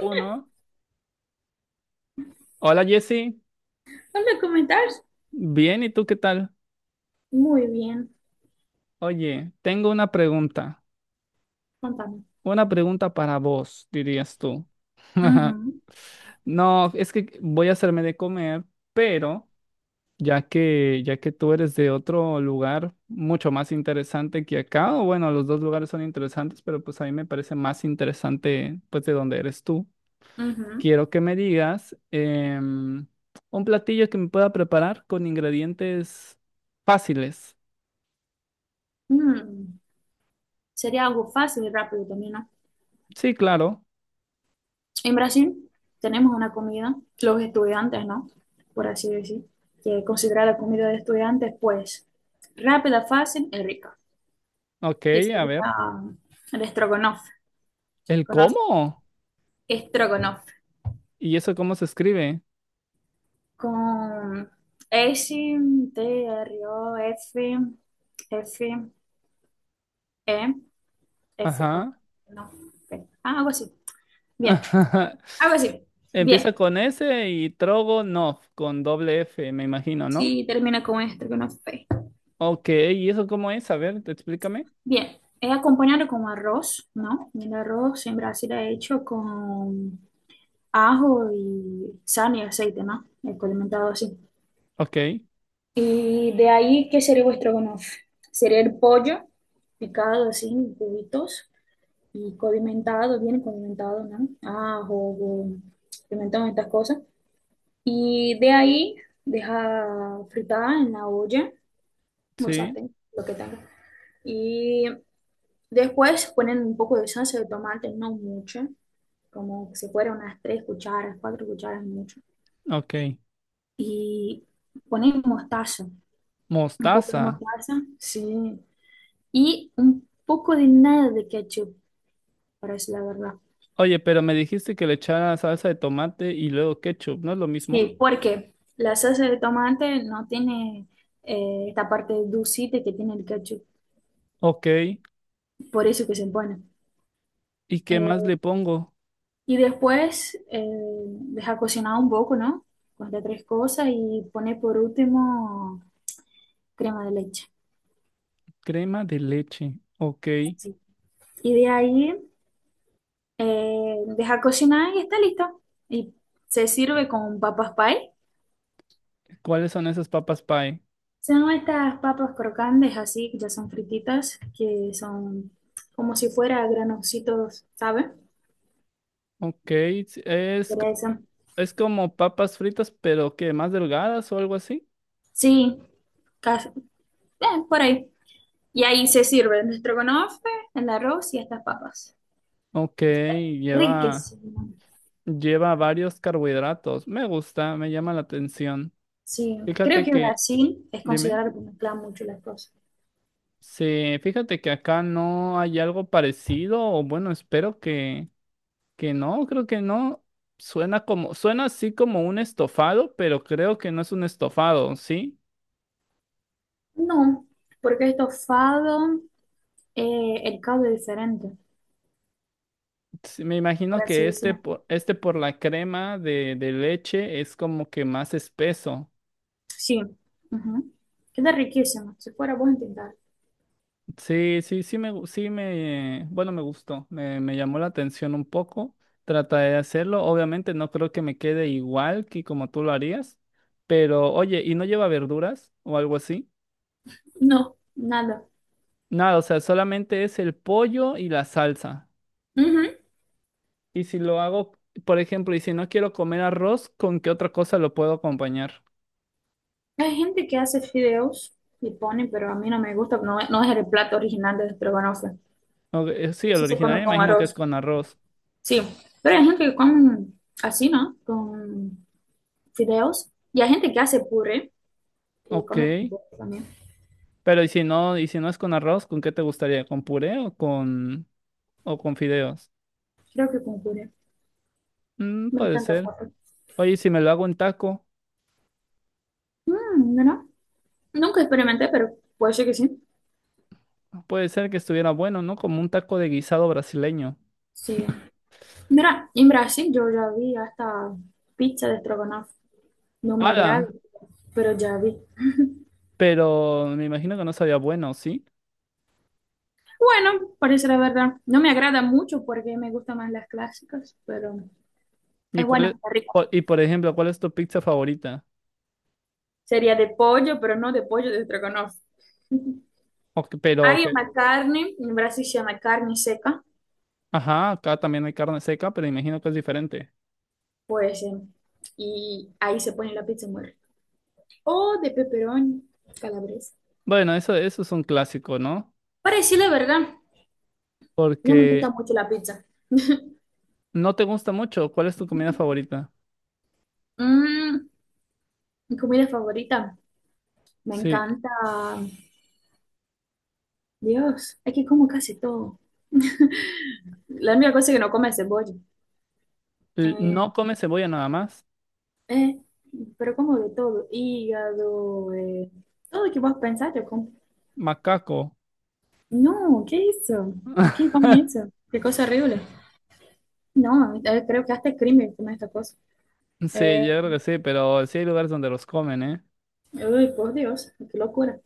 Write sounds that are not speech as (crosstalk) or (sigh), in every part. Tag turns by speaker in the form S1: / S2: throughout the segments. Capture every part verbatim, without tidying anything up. S1: Uno. Hola Jesse,
S2: Hola, ¿cómo?
S1: bien, ¿y tú qué tal?
S2: Muy bien,
S1: Oye, tengo una pregunta,
S2: contame.
S1: una pregunta para vos, dirías tú. (laughs)
S2: Ujú.
S1: No, es que voy a hacerme de comer, pero ya que ya que tú eres de otro lugar mucho más interesante que acá, o bueno, los dos lugares son interesantes, pero pues a mí me parece más interesante pues de donde eres tú.
S2: Ujú.
S1: Quiero que me digas em, un platillo que me pueda preparar con ingredientes fáciles.
S2: Mm, Sería algo fácil y rápido también, ¿no?
S1: Sí, claro.
S2: En Brasil tenemos una comida, los estudiantes, ¿no? Por así decir, que es considerada comida de estudiantes, pues rápida, fácil y rica,
S1: Ok,
S2: que
S1: a
S2: sería
S1: ver.
S2: el estrogonoff,
S1: ¿El
S2: ¿conoces?
S1: cómo?
S2: Estrogonoff,
S1: ¿Y eso cómo se escribe?
S2: con S, T, R, O, F, F, E, F, O,
S1: Ajá.
S2: no, P. Ah, algo así. Bien.
S1: Ajá.
S2: Algo así.
S1: (laughs) Empieza
S2: Bien.
S1: con S y Trogonov, con doble F, me imagino, ¿no?
S2: Sí, termina con esto, que no fue.
S1: Ok, ¿y eso cómo es? A ver, te- explícame.
S2: Bien. Es acompañado con arroz, ¿no? El arroz en Brasil es hecho con ajo y sal y aceite, ¿no? Es condimentado así.
S1: Ok,
S2: Y de ahí, ¿qué sería vuestro estrogonofe? Sería el pollo picado así en cubitos y condimentado, bien condimentado, ¿no? Ajo, o pimentón, estas cosas. Y de ahí, deja fritar en la olla o
S1: sí,
S2: sartén, lo que tenga. Y después ponen un poco de salsa de tomate, no mucho, como si fuera unas tres cucharas, cuatro cucharas mucho.
S1: ok.
S2: Y ponen mostaza, un poco de
S1: Mostaza.
S2: mostaza, sí. Y un poco de nada de ketchup, para decir la verdad.
S1: Oye, pero me dijiste que le echara salsa de tomate y luego ketchup, ¿no es lo mismo?
S2: Sí, porque la salsa de tomate no tiene eh, esta parte dulcita que tiene el ketchup,
S1: Ok,
S2: por eso que se pone.
S1: ¿y qué más
S2: Eh,
S1: le pongo?
S2: Y después eh, deja cocinar un poco, ¿no? Corta tres cosas y pone por último crema de leche.
S1: Crema de leche. Ok,
S2: Sí. Y de ahí eh, deja cocinar y está listo. Y se sirve con papas pie.
S1: ¿cuáles son esas papas pie?
S2: Son estas papas crocantes así, que ya son frititas, que son como si fuera granositos, ¿sabes?
S1: Ok, es
S2: Pero eso.
S1: es como papas fritas, pero que más delgadas o algo así.
S2: Sí, casi, eh, por ahí. Y ahí se sirve el estrogonofe, el arroz y estas papas.
S1: Ok, lleva,
S2: Riquísimo.
S1: lleva varios carbohidratos. Me gusta, me llama la atención.
S2: Sí, creo
S1: Fíjate
S2: que
S1: que,
S2: Brasil es
S1: dime,
S2: considerado como mezcla mucho las cosas.
S1: sí, fíjate que acá no hay algo parecido, o bueno, espero que, que no, creo que no. Suena como, suena así como un estofado, pero creo que no es un estofado, ¿sí?
S2: No, porque el estofado, eh, el caldo es diferente,
S1: Sí, me
S2: por
S1: imagino
S2: así
S1: que este
S2: decirlo.
S1: por, este por la crema de, de leche es como que más espeso.
S2: Sí, ujú. Queda riquísimo. Si fuera, vos intentar.
S1: Sí, sí, sí me, gu- sí me, bueno, me gustó, me, me llamó la atención un poco, trataré de hacerlo, obviamente no creo que me quede igual que como tú lo harías, pero oye, ¿y no lleva verduras o algo así?
S2: No, nada.
S1: Nada, o sea, solamente es el pollo y la salsa.
S2: Ujú.
S1: Y si lo hago, por ejemplo, y si no quiero comer arroz, ¿con qué otra cosa lo puedo acompañar?
S2: Hay gente que hace fideos y pone, pero a mí no me gusta, no, no es el plato original de Estrogonofe.
S1: Ok, eh, sí, el
S2: Eso se
S1: original me
S2: come con
S1: imagino que es
S2: arroz.
S1: con arroz.
S2: Sí, pero hay gente que come así, ¿no? Con fideos. Y hay gente que hace puré y
S1: Ok,
S2: come con puré también.
S1: pero ¿y si no, y si no es con arroz, ¿con qué te gustaría? ¿Con puré o con, o con fideos?
S2: Creo que con puré.
S1: Mm,
S2: Me
S1: puede
S2: encanta
S1: ser.
S2: papa.
S1: Oye, si me lo hago en taco,
S2: Mm, mira, nunca experimenté, pero puede ser que sí.
S1: puede ser que estuviera bueno, ¿no? Como un taco de guisado brasileño.
S2: Sí. Mira, en Brasil yo ya vi hasta pizza de estrogonofe. No me agrada,
S1: ¡Hala!
S2: pero ya vi.
S1: Pero me imagino que no sabía bueno, ¿sí?
S2: Bueno, parece la verdad. No me agrada mucho porque me gustan más las clásicas, pero
S1: ¿Y
S2: es
S1: cuál
S2: bueno,
S1: es,
S2: está rico.
S1: o- y por ejemplo, cuál es tu pizza favorita?
S2: Sería de pollo, pero no de pollo de estrogonofe.
S1: O que- pero
S2: Hay
S1: que,
S2: una carne, en Brasil se llama carne seca,
S1: ajá, acá también hay carne seca, pero imagino que es diferente.
S2: pues, eh, y ahí se pone la pizza muy rica. O de pepperoni calabresa.
S1: Bueno, eso, eso es un clásico, ¿no?
S2: Para decir la verdad, no me gusta
S1: Porque
S2: mucho la pizza. (laughs)
S1: no te gusta mucho. ¿Cuál es tu comida favorita?
S2: Mm, Mi comida favorita, me
S1: Sí.
S2: encanta. Dios, es que como casi todo. La única cosa que no come es cebolla.
S1: L- No
S2: Eh,
S1: come cebolla nada más.
S2: eh, pero como de todo, hígado, eh, todo lo que vos pensás, yo como.
S1: Macaco.
S2: No, ¿qué es eso? ¿Quién come
S1: (laughs)
S2: eso? Qué cosa horrible. No, eh, creo que hasta es crimen comer esta cosa.
S1: Sí,
S2: Eh,
S1: yo creo que sí, pero sí hay lugares donde los comen, ¿eh?
S2: Uy, por Dios, qué locura.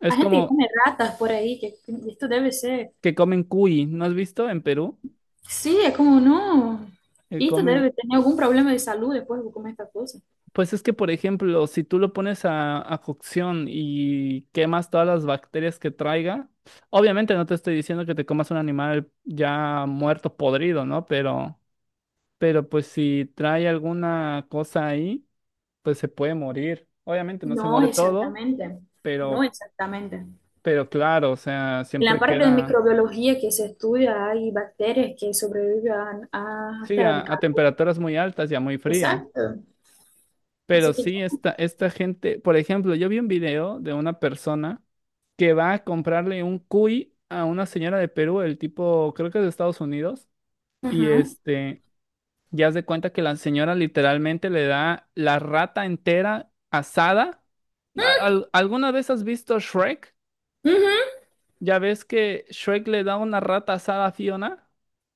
S1: Es
S2: Hay gente que
S1: como
S2: come ratas por ahí, que que esto debe ser.
S1: que comen cuy, ¿no has visto en Perú?
S2: Sí, es como, no,
S1: Que
S2: esto
S1: comen,
S2: debe tener algún problema de salud después de comer esta cosa.
S1: pues es que, por ejemplo, si tú lo pones a, a cocción y quemas todas las bacterias que traiga, obviamente no te estoy diciendo que te comas un animal ya muerto, podrido, ¿no? Pero, pero pues si trae alguna cosa ahí, pues se puede morir. Obviamente no se
S2: No,
S1: muere todo,
S2: exactamente, no
S1: pero,
S2: exactamente. En
S1: pero claro, o sea,
S2: la
S1: siempre
S2: parte de
S1: queda.
S2: microbiología que se estudia hay bacterias que sobreviven a- a-
S1: Sí,
S2: hasta el
S1: a, a
S2: calor.
S1: temperaturas muy altas y a muy frías.
S2: Exacto.
S1: Pero
S2: Así que
S1: sí,
S2: yo.
S1: esta, esta gente, por ejemplo, yo vi un video de una persona que va a comprarle un cuy a una señora de Perú, el tipo, creo que es de Estados Unidos, y
S2: Ajá.
S1: este, ya se cuenta que la señora literalmente le da la rata entera asada. A- al- ¿Alguna vez has visto Shrek?
S2: Ujú.
S1: Ya ves que Shrek le da una rata asada a Fiona.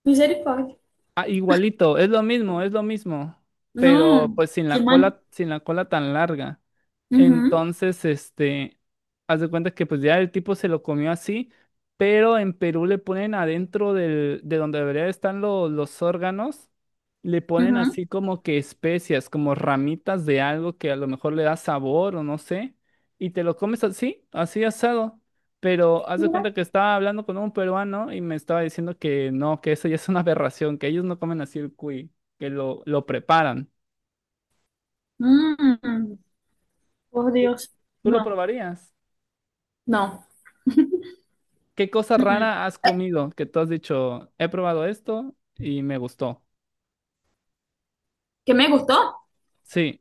S2: Misericordia.
S1: Ah, igualito, es lo mismo, es lo mismo, pero
S2: No,
S1: pues sin
S2: qué
S1: la
S2: mal.
S1: cola, sin la cola tan larga.
S2: Ujú,
S1: Entonces, este, haz de cuenta que pues ya el tipo se lo comió así, pero en Perú le ponen adentro del, de donde deberían estar lo- los órganos, le ponen
S2: ujú.
S1: así como que especias, como ramitas de algo que a lo mejor le da sabor o no sé, y te lo comes así, así asado. Pero haz de
S2: Mira.
S1: cuenta que estaba hablando con un peruano y me estaba diciendo que no, que eso ya es una aberración, que ellos no comen así el cuy, que lo, lo preparan.
S2: Mm, por
S1: ¿Tú
S2: Dios.
S1: tú lo
S2: No,
S1: probarías?
S2: no.
S1: ¿Qué cosa
S2: Mm, mm.
S1: rara has
S2: Eh,
S1: comido que tú has dicho, he probado esto y me gustó?
S2: ¿Qué me gustó?
S1: Sí,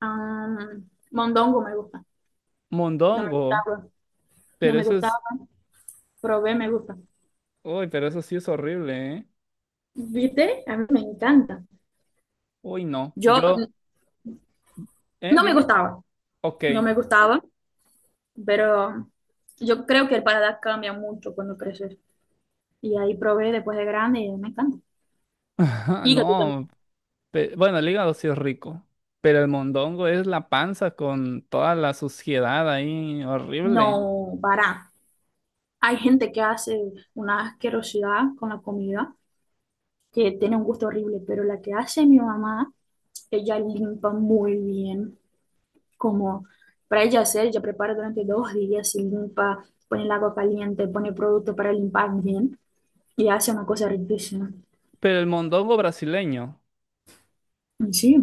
S2: Ah, mondongo me gusta. No me
S1: mondongo,
S2: gustaba, no
S1: pero
S2: me
S1: eso
S2: gustaba.
S1: es,
S2: Probé, me gusta.
S1: uy, pero eso sí es horrible, ¿eh?
S2: ¿Viste? A mí me encanta.
S1: Uy, no,
S2: Yo
S1: yo, ¿eh?
S2: no me
S1: Dime,
S2: gustaba,
S1: ok.
S2: no me gustaba, pero yo creo que el paladar cambia mucho cuando creces. Y ahí probé después de grande y me encanta.
S1: (laughs)
S2: Hígado
S1: No,
S2: también.
S1: Pe- bueno, el hígado sí es rico, pero el mondongo es la panza con toda la suciedad ahí, horrible.
S2: No, para. Hay gente que hace una asquerosidad con la comida, que tiene un gusto horrible, pero la que hace mi mamá, ella limpa muy bien. Como para ella hacer, ella prepara durante dos días, se limpa, pone el agua caliente, pone producto para limpar bien y hace una cosa riquísima.
S1: Pero el mondongo brasileño,
S2: Y sí.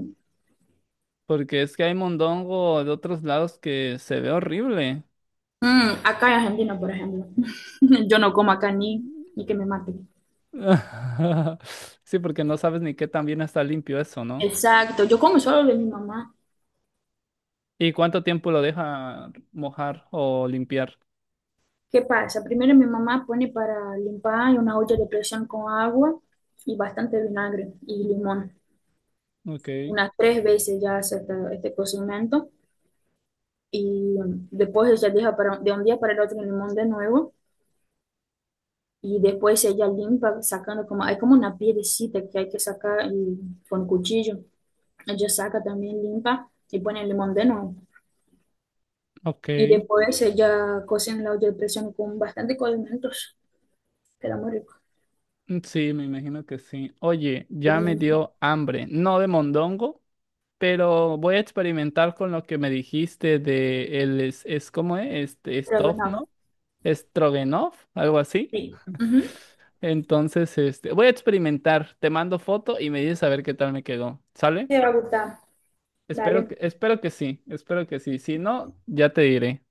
S1: porque es que hay mondongo de otros lados que se ve horrible.
S2: Mm, acá en Argentina, por ejemplo, (laughs) yo no como acá ni, ni que me maten.
S1: (laughs) Sí, porque no sabes ni qué tan bien está limpio eso, ¿no?
S2: Exacto, yo como solo de mi mamá.
S1: ¿Y cuánto tiempo lo deja mojar o limpiar?
S2: ¿Qué pasa? Primero mi mamá pone para limpar una olla de presión con agua y bastante vinagre y limón.
S1: Ok,
S2: Unas tres veces ya hace esta- este, cocimiento y mm, después ella deja para, de un día para el otro el limón de nuevo. Y después ella limpa sacando como, hay como una piedecita que hay que sacar y- con cuchillo. Ella saca también, limpa y pone el limón de nuevo.
S1: ok.
S2: Y después ella cocina en la olla de presión con bastante condimentos. Queda muy rico.
S1: Mm, sí, me imagino que sí. Oye, ya me
S2: Bonito.
S1: dio hambre, no de mondongo. Pero voy a experimentar con lo que me dijiste de el es, es ¿cómo es? Este,
S2: Pero
S1: Stov,
S2: no,
S1: ¿no? Stroganov, algo así.
S2: sí. Ujú.
S1: Entonces, este, voy a experimentar. Te mando foto y me dices a ver qué tal me quedó. ¿Sale?
S2: Te va a gustar.
S1: Espero
S2: Dale.
S1: que, espero que sí, espero que sí. Si no, ya te diré.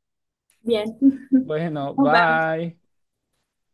S2: Bien. (laughs)
S1: Bueno,
S2: Nos vemos.
S1: bye.